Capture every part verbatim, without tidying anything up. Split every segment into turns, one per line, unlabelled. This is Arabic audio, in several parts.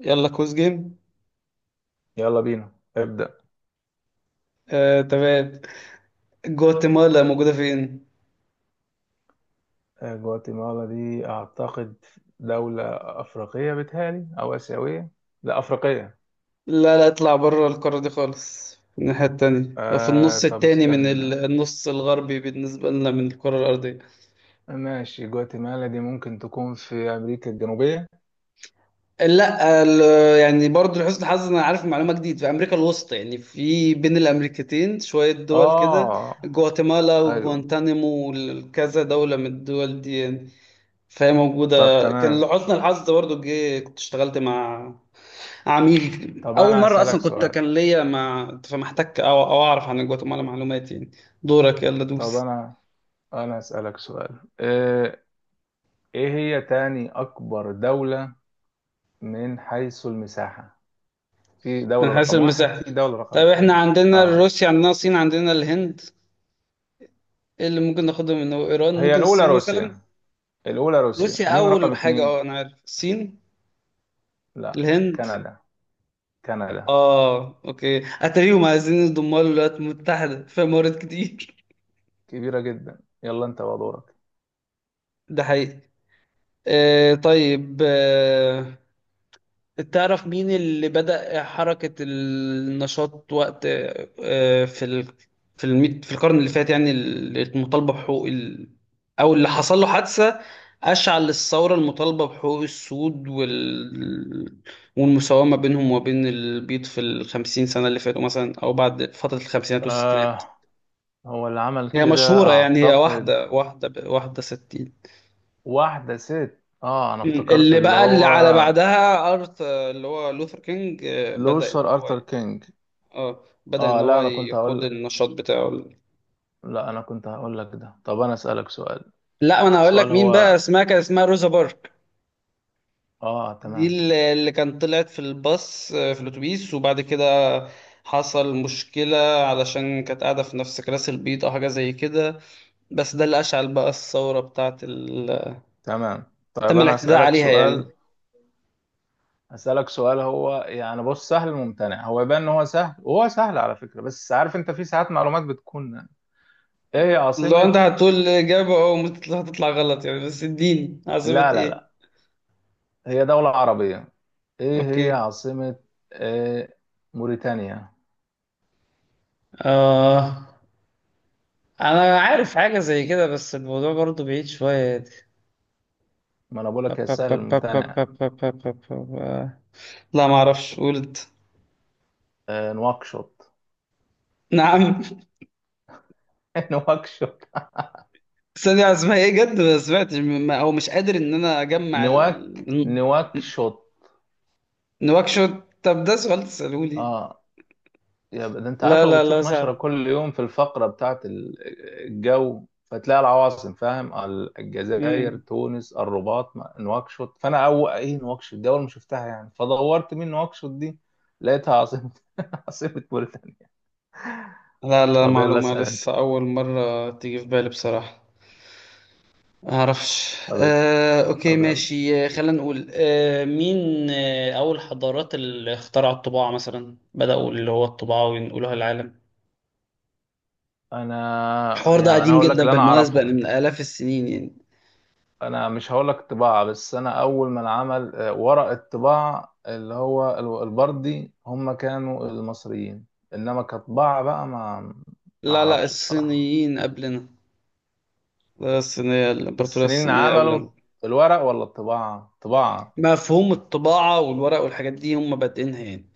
يلا كوز جيم.
يلا بينا. ابدأ.
آه، تمام. جواتيمالا موجودة فين؟
آه، جواتيمالا دي أعتقد دولة أفريقية بتهيألي أو آسيوية. لا، أفريقية.
لا لا اطلع بره القارة دي خالص، في الناحية التانية، في
آه
النص
طب
التاني من ال-
استنى.
النص الغربي بالنسبة لنا من الكرة الأرضية.
ماشي، جواتيمالا دي ممكن تكون في أمريكا الجنوبية.
لا ال- يعني برضو لحسن الحظ أنا عارف معلومة جديد، في أمريكا الوسطى يعني، في بين الأمريكتين شوية دول كده،
آه.
جواتيمالا
أيوه.
وجوانتانيمو وكذا دولة من الدول دي يعني. فهي
طب
موجودة، كان
تمام.
لحسن الحظ برضو جه كنت اشتغلت مع عميل
طب
اول
أنا
مره،
هسألك
اصلا كنت
سؤال.
كان ليا ما فمحتك او او اعرف عن جواتيمالا معلومات يعني. دورك، يلا
طب
دوس.
أنا أنا هسألك سؤال. آه إيه هي تاني أكبر دولة من حيث المساحة؟ في
انا
دولة
حاسس
رقم واحد،
المساحه.
في دولة رقم
طيب احنا
اتنين.
عندنا
آه،
روسيا، عندنا الصين، عندنا الهند. ايه اللي ممكن ناخده؟ من ايران،
هي
ممكن
الأولى
الصين مثلا.
روسيا. الأولى روسيا،
روسيا
مين رقم
اول حاجه،
اتنين؟
اه انا عارف الصين
لا.
الهند.
كندا. كندا
اه اوكي، اتاريهم عايزين يضموا الولايات المتحده في مرات كتير.
كبيرة جدا. يلا أنت ودورك.
ده حقيقي. آه طيب، آه تعرف مين اللي بدأ حركة النشاط وقت آه، في ال... في الميت... في القرن اللي فات يعني، المطالبة بحقوق ال... أو اللي حصل له حادثة أشعل للثورة المطالبة بحقوق السود وال... والمساومة بينهم وبين البيض في الخمسين سنة اللي فاتوا مثلا، أو بعد فترة الخمسينات والستينات؟
آه، هو اللي عمل
هي
كده
مشهورة يعني، هي
أعتقد.
واحدة واحدة ب- واحدة ستين.
واحدة ست، آه أنا افتكرت
اللي
اللي
بقى اللي
هو
على بعدها أرث، آه، اللي هو لوثر كينج، آه، بدأ إن
لوثر
هو،
أرثر كينج.
اه بدأ ان
آه،
هو
لا أنا كنت
يقود
هقول.
النشاط بتاعه.
لا أنا كنت هقول لك ده. طب أنا أسألك سؤال.
لا انا هقول لك
سؤال
مين بقى،
هو،
اسمها كان اسمها روزا بارك.
آه
دي
تمام.
اللي اللي كانت طلعت في الباص، آه، في الاتوبيس، وبعد كده حصل مشكلة علشان كانت قاعدة في نفس كراسي البيض أو حاجة زي كده. بس ده اللي أشعل بقى الثورة بتاعة ال...
تمام، طيب
تم
أنا
الاعتداء
أسألك
عليها يعني.
سؤال. أسألك سؤال هو يعني، بص، سهل الممتنع، هو يبان إن هو سهل، وهو سهل على فكرة، بس عارف أنت في ساعات معلومات بتكون. ايه
لو أنت
عاصمة،
هتقول إجابة أو ممكن هتطلع غلط يعني، بس اديني عاصمة
لا لا
إيه؟
لا، هي دولة عربية. ايه هي
أوكي.
عاصمة إيه... موريتانيا؟
آه انا عارف حاجة زي كده بس الموضوع برضو بعيد شوية.
ما انا بقول
با-
لك هي
با-
سهل
با- با- با- با-
الممتنع.
با- با- با- با- لا ما اعرفش، قلت.
آه... نواكشوط.
نعم.
نواكشوط.
ثانية اسمها ايه جد؟ ما سمعتش، م- ما- او مش قادر ان انا اجمع
نواك
ال...
نواكشوط.
نواكشوت. طب ده سؤال تسألوه لي؟
اه. يا ب- ده انت عارف
لا
لو
لا لا
بتشوف نشرة
صعب.
كل يوم في الفقرة بتاعت ال- الجو، فتلاقي العواصم، فاهم، الجزائر
مم.
تونس الرباط ما- نواكشوط. فانا اول، ايه نواكشوط دي؟ اول ما شفتها يعني فدورت مين نواكشوط دي، لقيتها عاصمة. عاصمة موريتانيا.
لا لا،
طب يلا
معلومة
اسأل انت.
لسه أول مرة تيجي في بالي بصراحة. معرفش،
طب اسأل.
آه، أوكي
طب يلا.
ماشي، آه، خلينا نقول، آه، مين، آه، أول حضارات اللي اخترعوا الطباعة مثلا، بدأوا اللي هو الطباعة وينقلوها للعالم؟
انا
الحوار ده
يعني، انا
قديم
هقول لك
جدا
اللي انا
بالمناسبة يعني،
اعرفه.
من آلاف السنين يعني.
انا مش هقول لك طباعة، بس انا اول من عمل آه، ورق الطباعة اللي هو ال- البردي، هم كانوا المصريين. انما كطباعة بقى، ما ما
لا لا
اعرفش بصراحة.
الصينيين قبلنا. لا الصينية، الإمبراطورية
السنين
الصينية
عملوا
قبلنا.
الورق ولا الطباعة؟ طباعة.
مفهوم الطباعة والورق والحاجات دي هم بادئينها يعني.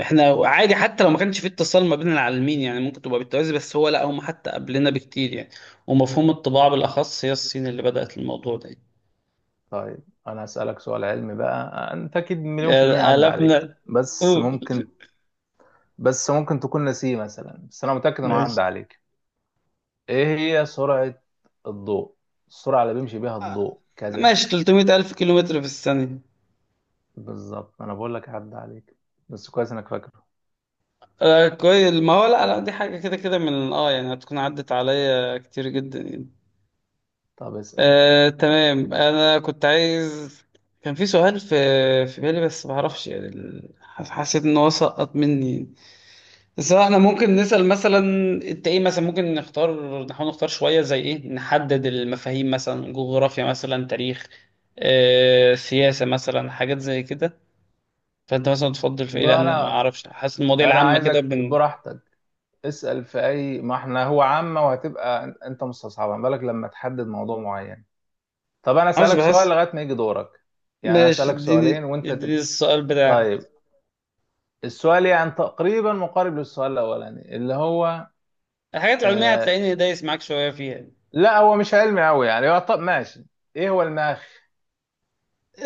احنا عادي حتى لو ما كانش في اتصال ما بين العالمين يعني، ممكن تبقى بالتوازي، بس هو لا، هم حتى قبلنا بكتير يعني. ومفهوم الطباعة بالأخص هي الصين اللي بدأت الموضوع ده يعني.
طيب انا اسألك سؤال علمي بقى. انت اكيد مليون في المية عدى
آلافنا.
عليك، بس
قول،
ممكن، بس ممكن تكون نسيه مثلا، بس انا متأكد انه عدى
ماشي.
عليك. ايه هي سرعة الضوء؟ السرعة اللي بيمشي بيها الضوء كذا.
ماشي، تلتمية ألف كيلومتر في الثانية.
بالظبط. انا بقول لك عدى عليك بس كويس انك فاكره.
آه كويس، ما هو لا لا دي حاجة كده كده من اه يعني، هتكون عدت عليا كتير جدا يعني.
طب اسأل
آه تمام. انا كنت عايز، كان في سؤال في في بالي بس ما اعرفش يعني، ال- حس- حسيت ان هو سقط مني يعني. بس احنا ممكن نسأل مثلا، انت ايه مثلا، ممكن نختار، نحاول نختار شوية زي ايه، نحدد المفاهيم مثلا، جغرافيا مثلا، تاريخ، آه سياسة مثلا، حاجات زي كده. فانت مثلا تفضل في ايه،
بقى.
لان أنا ما
انا
اعرفش، حاسس المواضيع
انا
العامة كده
عايزك
بن.
براحتك. اسأل في اي، ما احنا هو عامة وهتبقى أن- انت مستصعبها، ما بالك لما تحدد موضوع معين. طب انا
معرفش،
اسألك سؤال
بحس.
لغاية ما يجي دورك. يعني انا
ماشي،
اسألك سؤالين
اديني
وانت
اديني
تب...
السؤال بتاعك.
طيب. السؤال يعني تقريبا مقارب للسؤال الاولاني اللي هو
الحاجات العلمية
آه...
هتلاقيني دايس معاك شوية فيها.
لا هو مش علمي قوي يعني، هو، طب ماشي. ايه هو المخ؟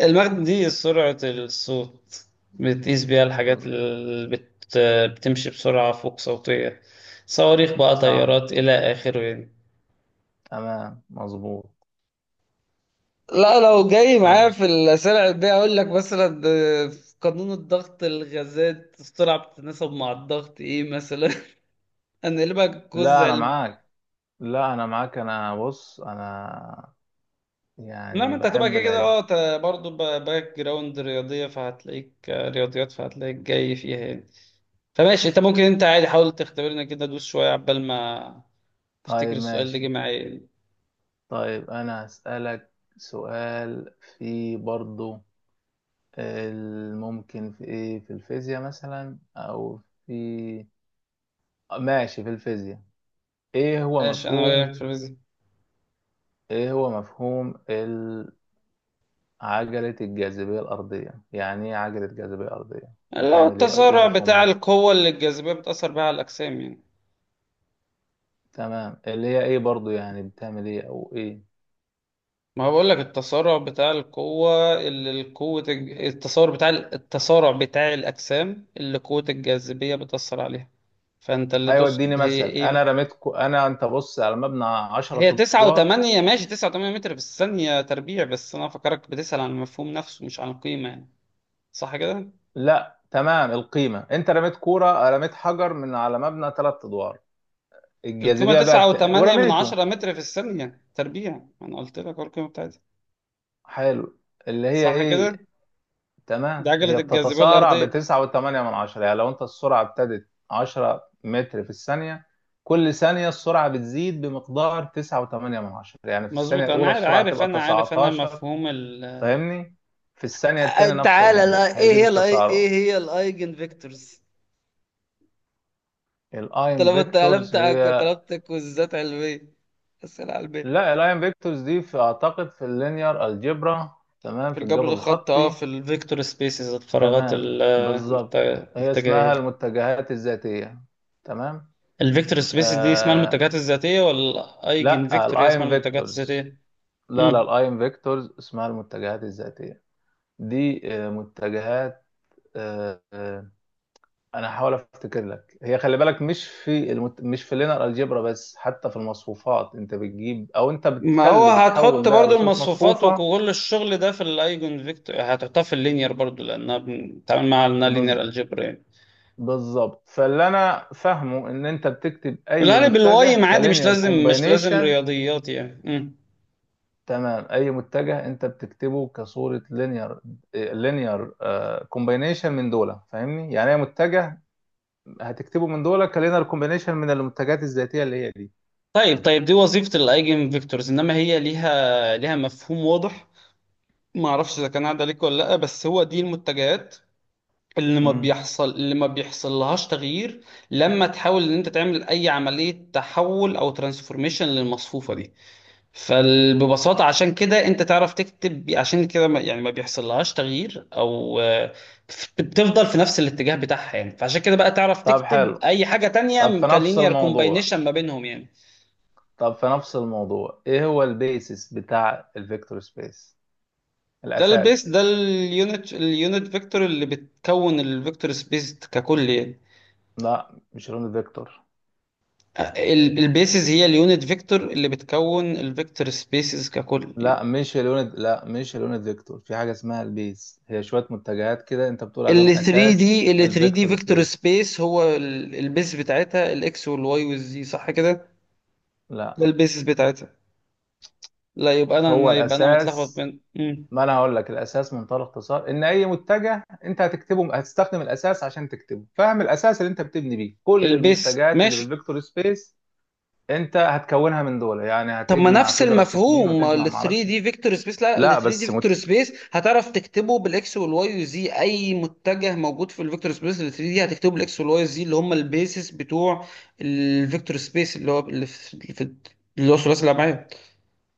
المغناطيس، دي سرعة الصوت، بتقيس بيها الحاجات اللي بت... بتمشي بسرعة فوق صوتية، صواريخ بقى،
صح.
طيارات إلى آخره يعني.
تمام مظبوط.
لا لو جاي معايا
طبعا.
في الأسئلة العلمية، أقول لك مثلا ده في قانون الضغط، الغازات السرعة بتتناسب مع الضغط إيه مثلا. أنا لك جزء.
لا انا معاك. لا انا معاك، انا بص، انا
لا
يعني
ما انت هتبقى
بحب
كده كده
العلم.
اه ت- برضه ب- باك جراوند رياضية، فهتلاقيك آه، رياضيات فهتلاقيك جاي فيها يعني. فماشي انت ممكن انت عادي، حاول تختبرنا كده، دوس شوية عبال ما افتكر
طيب
السؤال اللي جه
ماشي.
معايا يعني.
طيب انا هسألك سؤال في برضو الممكن. في ايه، في الفيزياء مثلا، او في... ماشي، في الفيزياء. ايه هو
ماشي انا
مفهوم
وياك في الفيزياء.
ايه هو مفهوم ال- عجلة الجاذبية الأرضية، يعني ايه عجلة جاذبية أرضية،
اللي هو
بتعمل ايه، او ايه
التسارع بتاع
مفهومها؟
القوة اللي الجاذبية بتأثر بها على الأجسام يعني.
تمام، اللي هي ايه برضو، يعني بتعمل ايه او ايه؟
ما هو بقول لك، التسارع بتاع القوة اللي القوة الج- التسارع بتاع ال- التسارع بتاع الأجسام اللي قوة الجاذبية بتأثر عليها. فأنت اللي
ايوه اديني
تقصد هي
مثل.
إيه؟
انا رميتكو انا انت بص على مبنى
هي
عشرة
تسعة
ادوار
وتمانية، ماشي تسعة وتمانية متر في الثانية تربيع، بس أنا فكرك بتسأل عن المفهوم نفسه مش عن القيمة يعني، صح كده؟
لا تمام، القيمه. انت رميت كوره، رميت حجر من على مبنى ثلاث ادوار.
القيمة
الجاذبيه بقى
تسعة
بت...
وتمانية من
ورميته.
عشرة متر في الثانية تربيع، أنا قلت لك أهو القيمة بتاعتها،
حلو، اللي هي
صح كده؟
ايه؟
دي
تمام،
عجلة
هي
الجاذبية
بتتسارع
الأرضية.
بتسعة وثمانية من عشرة. يعني لو انت السرعه ابتدت عشرة متر في الثانيه، كل ثانيه السرعه بتزيد بمقدار تسعة وثمانية من عشرة. يعني في الثانيه
مظبوط، أنا
الاولى
عارف
السرعه
عارف
تبقى
أنا عارف أنا
تسعة عشر.
مفهوم ال،
فاهمني؟ في الثانية
آه،
التانية نفس
تعالى
الموضوع،
الآي- ايه
هيزيد
هي الآي... ايه
التسارع.
هي الايجن فيكتورز؟
الايم
طالما انت
فيكتورز
طلبت
هي...
طلبت كوزات علميه، اسئله علميه.
لا، الايم فيكتورز دي في، اعتقد، في اللينير الجبرا. تمام،
في
في
الجبر
الجبر
الخط، اه
الخطي.
في الفيكتور سبيسز، الفراغات
تمام،
ال- المت-
بالظبط، هي
الاتجاهية.
اسمها المتجهات الذاتية. تمام.
الفيكتور سبيسز دي اسمها
آه،
المنتجات الذاتية، ولا الايجن
لا
فيكتور هي اسمها
الايم
المنتجات
فيكتورز.
الذاتية؟
لا لا
امم،
الايم فيكتورز اسمها المتجهات الذاتية. دي آه، متجهات. آه، آه، انا هحاول افتكر لك. هي خلي بالك، مش في المت... مش في اللينير الجبرا بس، حتى في المصفوفات انت بتجيب او انت
ما هو
بتخلي، بتحول
هتحط
ده
برضو
لصورة
المصفوفات
مصفوفة.
وكل الشغل ده في الايجن فيكتور، هتحطها في اللينير برضو، لانها بنتعامل معاها لانها
بز...
لينير الجبرا يعني.
بالظبط. فاللي انا فاهمه ان انت بتكتب اي
الغالب الواي
متجه
عادي، مش
كلينير
لازم مش لازم
كومباينيشن.
رياضيات يعني. امم،
تمام، اي متجه انت بتكتبه كصورة لينير، لينير كومباينيشن من دول. فاهمني يعني؟ اي متجه هتكتبه من دول كلينير كومباينيشن من المتجهات الذاتية اللي هي دي.
طيب طيب، دي وظيفة الايجن فيكتورز، انما هي ليها ليها مفهوم واضح، ما اعرفش اذا كان عدى عليك ولا لا، بس هو دي المتجهات اللي ما
مم.
بيحصل اللي ما بيحصل لهاش تغيير لما تحاول ان انت تعمل اي عمليه تحول او ترانسفورميشن للمصفوفه دي. فببساطه عشان كده انت تعرف تكتب، عشان كده ما يعني ما بيحصل لهاش تغيير او آه، بتفضل في نفس الاتجاه بتاعها يعني، فعشان كده بقى تعرف
طب
تكتب
حلو.
اي حاجه
طب
تانية
في نفس
كلينير
الموضوع
كومباينيشن ما بينهم يعني.
طب في نفس الموضوع، ايه هو البيسس بتاع الفيكتور سبيس؟
ده البيس،
الاساس.
ده اليونت اليونت فيكتور اللي بتكون الفيكتور سبيس ككل يعني.
لا مش لون الفيكتور.
البيسز هي اليونت فيكتور اللي بتكون الفيكتور سبيسز ككل يعني.
لا مش لون لا مش لون الفيكتور، في حاجه اسمها البيس، هي شويه متجهات كده انت بتقول عليهم
ال 3
اساس
دي ال ثري دي
الفيكتور
فيكتور
سبيس.
سبيس هو ال- البيس بتاعتها الاكس والواي والزي، صح كده؟ ده
لا،
البيسز بتاعتها. لا يبقى انا،
هو
أنا- يبقى انا متلخبط
الاساس.
بين. مم.
ما انا هقول لك، الاساس منطلق اختصار، ان اي متجه انت هتكتبه هتستخدم الاساس عشان تكتبه، فاهم؟ الاساس اللي انت بتبني بيه كل
البيس
المتجهات اللي في
ماشي.
الفيكتور سبيس انت هتكونها من دول، يعني
طب ما
هتجمع،
نفس
تضرب في اتنين
المفهوم،
وتجمع،
ال ثري
معرفش.
دي فيكتور سبيس. لا ال
لا
ثري دي
بس
فيكتور
مت...
سبيس هتعرف تكتبه بالاكس والواي وزي، اي متجه موجود في الفيكتور سبيس ال ثري دي هتكتبه بالاكس والواي وزي، اللي هم البيسس بتوع الفيكتور سبيس اللي هو اللي في اللي في- اللي هو ثلاثي الابعاد،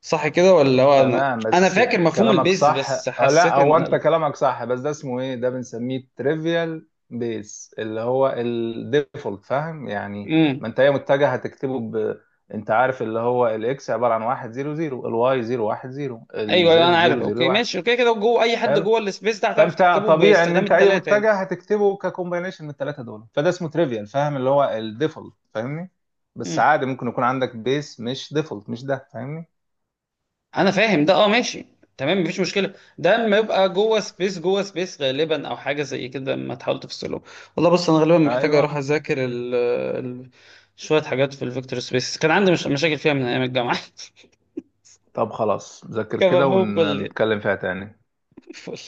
صح كده؟ ولا هو، انا
تمام
انا
بس
فاكر مفهوم
كلامك
البيز
صح.
بس
آه، لا
حسيت
هو
ان
انت
ال...
كلامك صح، بس ده اسمه ايه، ده بنسميه تريفيال بيس اللي هو الديفولت، فاهم يعني؟ ما
امم،
انت هي متجه هتكتبه ب... انت عارف اللي هو الاكس عباره عن واحد صفر صفر، الواي صفر واحد صفر،
ايوه، أيوة، انا
الزد
عارف
صفر صفر
اوكي
واحد.
ماشي اوكي، كده جوه اي حد
حلو.
جوه السبيس ده هتعرف
فانت
تكتبه
طبيعي ان
باستخدام
انت اي
الثلاثه
متجه هتكتبه ككومبينيشن من الثلاثه دول، فده اسمه تريفيال، فاهم؟ اللي هو الديفولت، فاهمني؟ بس
يعني.
عادي ممكن يكون عندك بيس مش ديفولت، مش ده، فاهمني؟
انا فاهم ده، اه ماشي، تمام مفيش مشكله، ده اما يبقى جوه سبيس جوه سبيس غالبا او حاجه زي كده، ما تحاول تفصله. والله بص، انا غالبا محتاج اروح
ايوه.
اذاكر ال ال شويه حاجات في الفيكتور سبيس، كان عندي مش مشاكل فيها من ايام الجامعه.
طب خلاص، ذاكر
كان
كده
مفهوم كل
ونتكلم فيها تاني.
فل